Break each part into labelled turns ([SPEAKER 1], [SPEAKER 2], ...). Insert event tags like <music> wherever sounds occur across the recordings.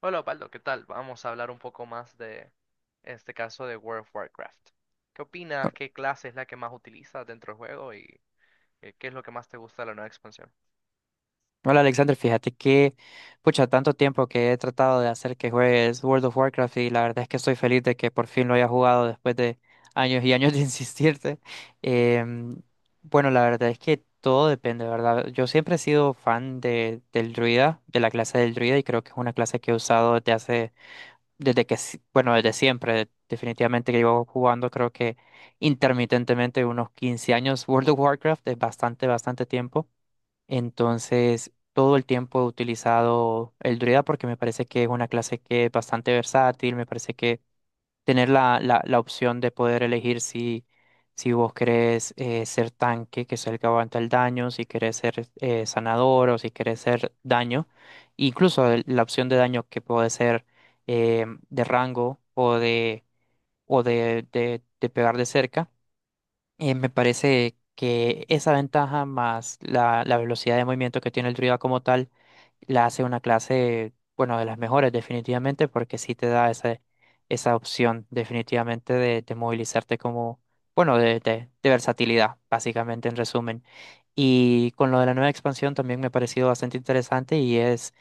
[SPEAKER 1] Hola Osvaldo, ¿qué tal? Vamos a hablar un poco más de en este caso de World of Warcraft. ¿Qué opinas? ¿Qué clase es la que más utilizas dentro del juego y qué es lo que más te gusta de la nueva expansión?
[SPEAKER 2] Hola Alexander, fíjate que, pucha, tanto tiempo que he tratado de hacer que juegues World of Warcraft y la verdad es que estoy feliz de que por fin lo haya jugado después de años y años de <laughs> insistirte. Em, bueno, la verdad es que todo depende, ¿verdad? Yo siempre he sido fan del druida, de la clase del druida y creo que es una clase que he usado desde hace, desde que, bueno, desde siempre. Definitivamente que llevo jugando creo que intermitentemente unos 15 años World of Warcraft. Es bastante, bastante tiempo. Entonces, todo el tiempo he utilizado el druida porque me parece que es una clase que es bastante versátil. Me parece que tener la opción de poder elegir si, si vos querés ser tanque, que es el que aguanta el daño, si querés ser sanador o si querés ser daño, incluso la opción de daño que puede ser eh, de rango o de pegar de cerca. Me parece que esa ventaja más la velocidad de movimiento que tiene el druida como tal la hace una clase, bueno, de las mejores, definitivamente, porque sí te da esa, esa opción, definitivamente, de movilizarte como, bueno, de versatilidad, básicamente, en resumen. Y con lo de la nueva expansión también me ha parecido bastante interesante y es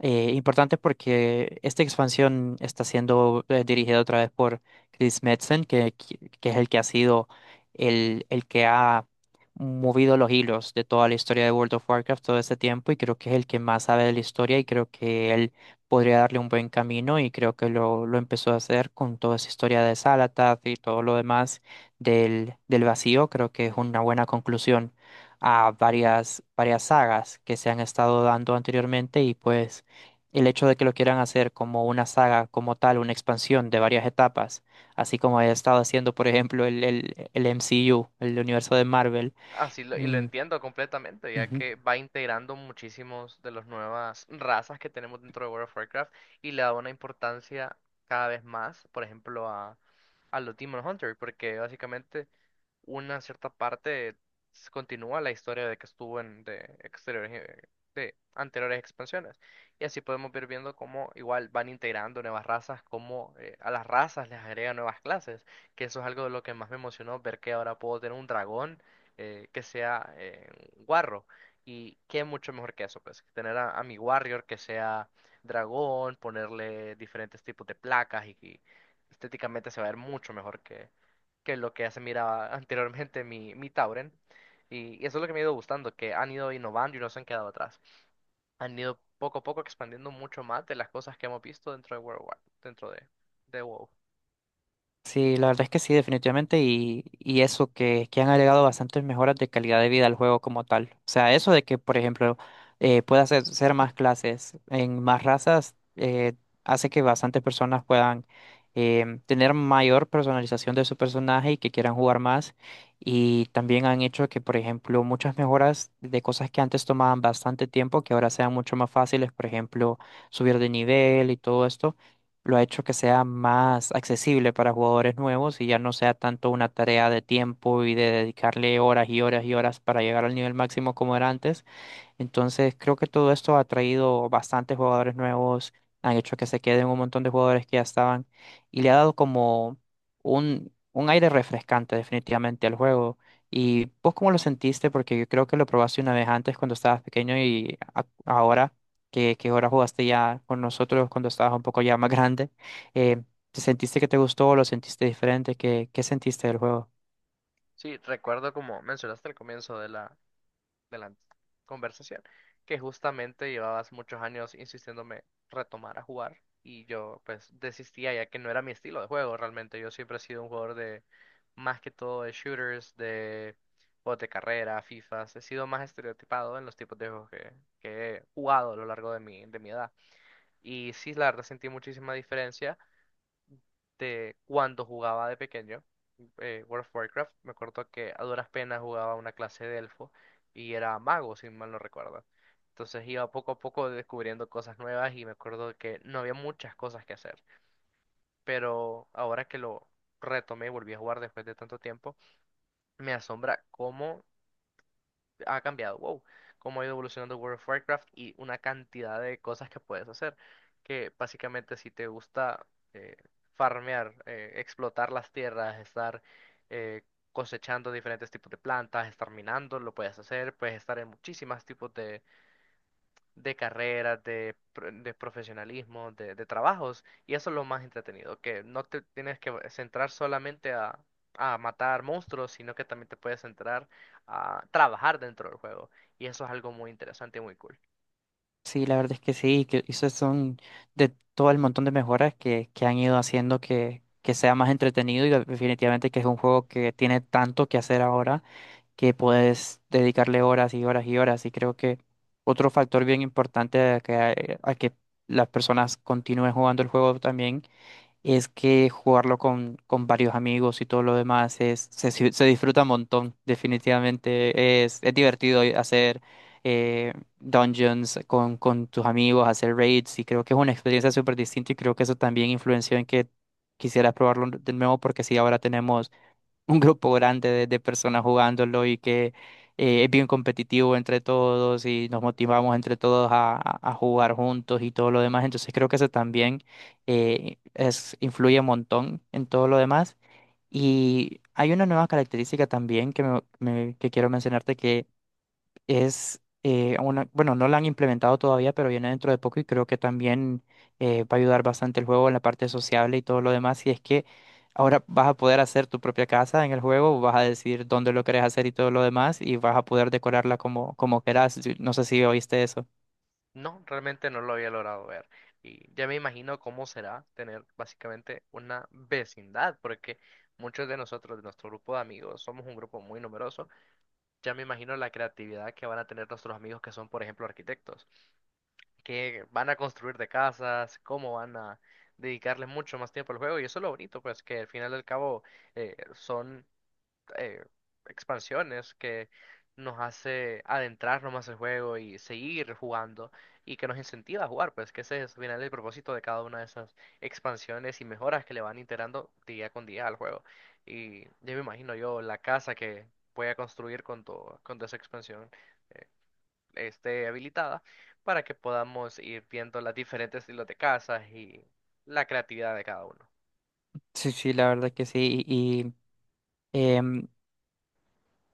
[SPEAKER 2] importante porque esta expansión está siendo dirigida otra vez por Chris Metzen, que es el que ha sido el que ha movido los hilos de toda la historia de World of Warcraft todo este tiempo, y creo que es el que más sabe de la historia y creo que él podría darle un buen camino, y creo que lo empezó a hacer con toda esa historia de Xalatath y todo lo demás del vacío. Creo que es una buena conclusión a varias, varias sagas que se han estado dando anteriormente. Y pues el hecho de que lo quieran hacer como una saga como tal, una expansión de varias etapas, así como haya estado haciendo, por ejemplo, el MCU, el universo de Marvel.
[SPEAKER 1] Así lo, y lo
[SPEAKER 2] Mm,
[SPEAKER 1] entiendo completamente, ya
[SPEAKER 2] ujú.
[SPEAKER 1] que va integrando muchísimos de las nuevas razas que tenemos dentro de World of Warcraft y le da una importancia cada vez más, por ejemplo, a los Demon Hunter, porque básicamente una cierta parte continúa la historia de que estuvo en de exteriores de anteriores expansiones. Y así podemos ir viendo cómo igual van integrando nuevas razas, cómo a las razas les agregan nuevas clases, que eso es algo de lo que más me emocionó, ver que ahora puedo tener un dragón que sea un guarro. Y qué mucho mejor que eso, pues, tener a mi warrior que sea dragón, ponerle diferentes tipos de placas y estéticamente se va a ver mucho mejor que es lo que ya se miraba anteriormente mi, mi Tauren. Y eso es lo que me ha ido gustando, que han ido innovando y no se han quedado atrás. Han ido poco a poco expandiendo mucho más de las cosas que hemos visto dentro de World War, dentro de WoW.
[SPEAKER 2] Sí, la verdad es que sí, definitivamente. Y eso que han agregado bastantes mejoras de calidad de vida al juego como tal. O sea, eso de que, por ejemplo, puedas hacer más clases en más razas. Hace que bastantes personas puedan tener mayor personalización de su personaje y que quieran jugar más. Y también han hecho que, por ejemplo, muchas mejoras de cosas que antes tomaban bastante tiempo, que ahora sean mucho más fáciles, por ejemplo, subir de nivel, y todo esto lo ha hecho que sea más accesible para jugadores nuevos y ya no sea tanto una tarea de tiempo y de dedicarle horas y horas y horas para llegar al nivel máximo como era antes. Entonces, creo que todo esto ha traído bastantes jugadores nuevos, han hecho que se queden un montón de jugadores que ya estaban y le ha dado como un aire refrescante, definitivamente, al juego. ¿Y vos cómo lo sentiste? Porque yo creo que lo probaste una vez antes cuando estabas pequeño y ahora que ahora jugaste ya con nosotros cuando estabas un poco ya más <laughs> grande, eh, ¿te sentiste que te gustó? ¿Lo sentiste diferente? Qué sentiste del juego?
[SPEAKER 1] Sí, recuerdo como mencionaste al comienzo de la conversación, que justamente llevabas muchos años insistiéndome retomar a jugar y yo pues desistía ya que no era mi estilo de juego realmente. Yo siempre he sido un jugador de más que todo de shooters, de juegos de carrera, FIFAs. He sido más estereotipado en los tipos de juegos que he jugado a lo largo de mi edad. Y sí, la verdad sentí muchísima diferencia de cuando jugaba de pequeño World of Warcraft. Me acuerdo que a duras penas jugaba una clase de elfo y era mago, si mal no recuerdo. Entonces iba poco a poco descubriendo cosas nuevas y me acuerdo que no había muchas cosas que hacer. Pero ahora que lo retomé y volví a jugar después de tanto tiempo, me asombra cómo ha cambiado, wow, cómo ha ido evolucionando World of Warcraft y una cantidad de cosas que puedes hacer. Que básicamente si te gusta eh, farmear, explotar las tierras, estar eh, cosechando diferentes tipos de plantas, estar minando, lo puedes hacer, puedes estar en muchísimos tipos de carreras, de, de profesionalismo, de trabajos, y eso es lo más entretenido, que no te tienes que centrar solamente a matar monstruos, sino que también te puedes centrar a trabajar dentro del juego, y eso es algo muy interesante y muy cool.
[SPEAKER 2] Sí, la verdad es que sí, que esos son de todo el montón de mejoras que han ido haciendo que sea más entretenido, y definitivamente que es un juego que tiene tanto que hacer ahora que puedes dedicarle horas y horas y horas. Y creo que otro factor bien importante a que las personas continúen jugando el juego también es que jugarlo con varios amigos y todo lo demás es, se, se disfruta un montón, definitivamente. Es divertido hacer eh, dungeons con tus amigos, hacer raids, y creo que es una experiencia súper distinta y creo que eso también influenció en que quisieras probarlo de nuevo porque sí, ahora tenemos un grupo grande de personas jugándolo y que es bien competitivo entre todos y nos motivamos entre todos a jugar juntos y todo lo demás. Entonces, creo que eso también influye un montón en todo lo demás. Y hay una nueva característica también que, que quiero mencionarte. Es bueno, no la han implementado todavía, pero viene dentro de poco y creo que también va a ayudar bastante el juego en la parte sociable y todo lo demás. Y es que ahora vas a poder hacer tu propia casa en el juego, vas a decidir dónde lo querés hacer y todo lo demás, y vas a poder decorarla como, como querás. Sí, ¿No sé si oíste eso?
[SPEAKER 1] No, realmente no lo había logrado ver, y ya me imagino cómo será tener básicamente una vecindad, porque muchos de nosotros, de nuestro grupo de amigos, somos un grupo muy numeroso, ya me imagino la creatividad que van a tener nuestros amigos que son, por ejemplo, arquitectos qué van a construir de casas, cómo van a dedicarle mucho más tiempo al juego. Y eso es lo bonito, pues que al final y al cabo son eh, expansiones que nos hace adentrarnos más al juego y seguir jugando y que nos incentiva a jugar, pues que ese es al final el propósito de cada una de esas expansiones y mejoras que le van integrando día con día al juego. Y ya me imagino yo la casa que voy a construir con tu esa expansión esté habilitada para que podamos ir viendo las diferentes estilos de casas y la creatividad de cada uno.
[SPEAKER 2] Sí, sí, la verdad que sí. Sí, y, em,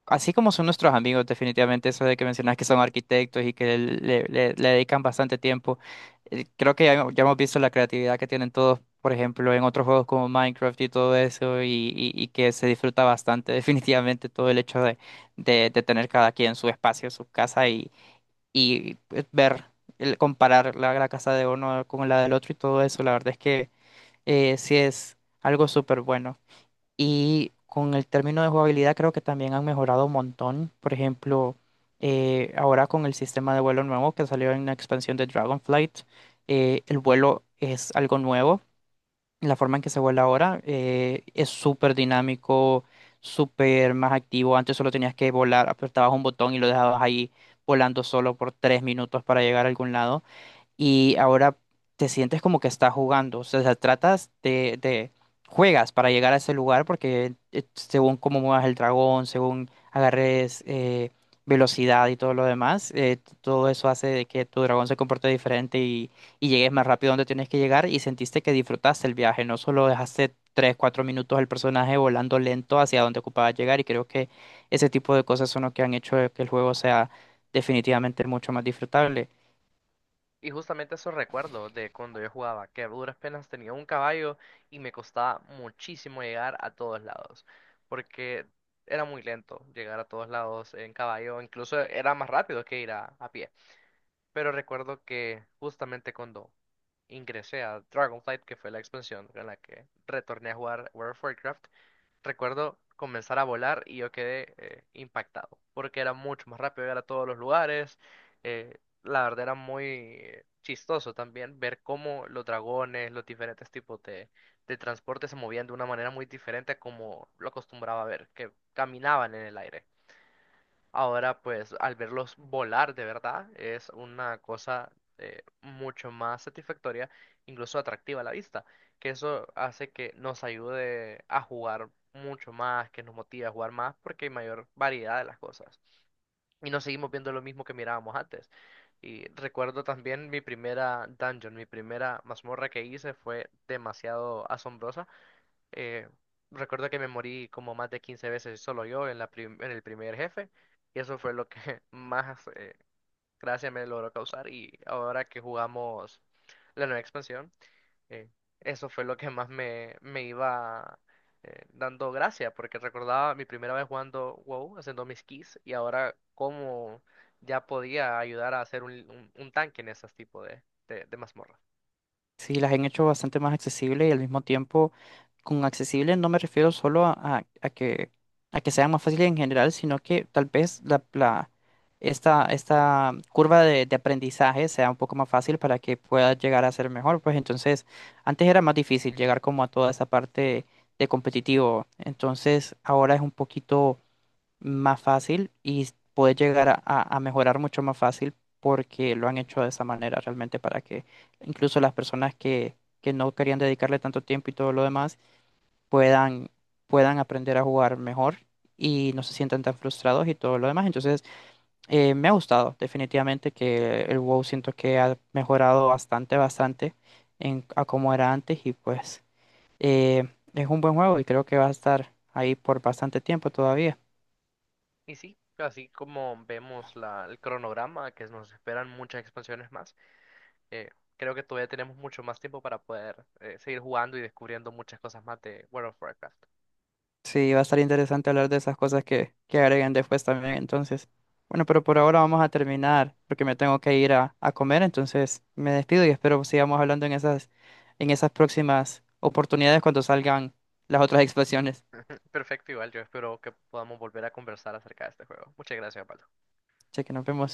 [SPEAKER 2] así como son nuestros amigos. Definitivamente, eso de que mencionas que son arquitectos y que le dedican bastante tiempo. Creo que ya hemos visto la creatividad que tienen todos, por ejemplo, en otros juegos como Minecraft y todo eso, y que se disfruta bastante, <laughs> definitivamente, todo el hecho de tener cada quien su espacio, su casa y comparar la casa de uno con la del otro y todo eso. La verdad es que sí es algo súper bueno. Y con el término de jugabilidad creo que también han mejorado un montón. Por ejemplo, ahora con el sistema de vuelo nuevo que salió en la expansión de Dragonflight, el vuelo es algo nuevo. La forma en que se vuela ahora es súper dinámico, súper más activo. Antes solo tenías que volar, apretabas un botón y lo dejabas ahí volando solo por 3 minutos para llegar a algún lado, y ahora te sientes como que estás jugando. O sea, juegas para llegar a ese lugar porque según cómo muevas el dragón, según agarres velocidad y todo lo demás, todo eso hace de que tu dragón se comporte diferente, y llegues más rápido donde tienes que llegar y sentiste que disfrutaste el viaje, no solo dejaste 3, 4 minutos al personaje volando lento hacia donde ocupaba llegar. Y creo que ese tipo de cosas son lo que han hecho que el juego sea, definitivamente, mucho más disfrutable.
[SPEAKER 1] Y justamente eso recuerdo de cuando yo jugaba, que a duras penas tenía un caballo y me costaba muchísimo llegar a todos lados, porque era muy lento llegar a todos lados en caballo, incluso era más rápido que ir a pie. Pero recuerdo que justamente cuando ingresé a Dragonflight, que fue la expansión en la que retorné a jugar World of Warcraft, recuerdo comenzar a volar y yo quedé impactado, porque era mucho más rápido llegar a todos los lugares. La verdad era muy chistoso también ver cómo los dragones, los diferentes tipos de transporte se movían de una manera muy diferente a como lo acostumbraba a ver, que caminaban en el aire. Ahora, pues, al verlos volar de verdad, es una cosa mucho más satisfactoria, incluso atractiva a la vista, que eso hace que nos ayude a jugar mucho más, que nos motive a jugar más, porque hay mayor variedad de las cosas. Y no seguimos viendo lo mismo que mirábamos antes. Y recuerdo también mi primera dungeon, mi primera mazmorra que hice fue demasiado asombrosa eh, recuerdo que me morí como más de 15 veces solo yo en la en el primer jefe. Y eso fue lo que <laughs> más gracia me logró causar. Y ahora que jugamos la nueva expansión, eh, eso fue lo que más me iba dando gracia. Porque recordaba mi primera vez jugando WoW, haciendo mis keys. Y ahora cómo ya podía ayudar a hacer un tanque en esos tipos de mazmorras.
[SPEAKER 2] Sí, las han hecho bastante más accesibles y al mismo tiempo, con accesibles no me refiero solo a que sea más fácil en general, sino que tal vez esta, esta curva de aprendizaje sea un poco más fácil para que pueda llegar a ser mejor. Pues entonces, antes era más difícil llegar como a toda esa parte de competitivo, entonces ahora es un poquito más fácil y puede llegar a mejorar mucho más fácil porque lo han hecho de esa manera realmente para que incluso las personas que no querían dedicarle tanto tiempo y todo lo demás puedan, puedan aprender a jugar mejor y no se sientan tan frustrados y todo lo demás. Entonces, me ha gustado, definitivamente, que el WoW siento que ha mejorado bastante, bastante, en, a como era antes. Y pues eh, es un buen juego y creo que va a estar ahí por bastante tiempo todavía.
[SPEAKER 1] Y sí, así como vemos la, el cronograma, que nos esperan muchas expansiones más, eh, creo que todavía tenemos mucho más tiempo para poder seguir jugando y descubriendo muchas cosas más de World of Warcraft.
[SPEAKER 2] Sí, va a estar interesante hablar de esas cosas que agreguen después también. Entonces, bueno, pero por ahora vamos a terminar porque me tengo que ir a comer. Entonces, me despido y espero sigamos hablando en esas próximas oportunidades cuando salgan las otras <laughs> expresiones.
[SPEAKER 1] Perfecto, igual yo espero que podamos volver a conversar acerca de este juego. Muchas gracias, Pablo.
[SPEAKER 2] Che, que nos vemos.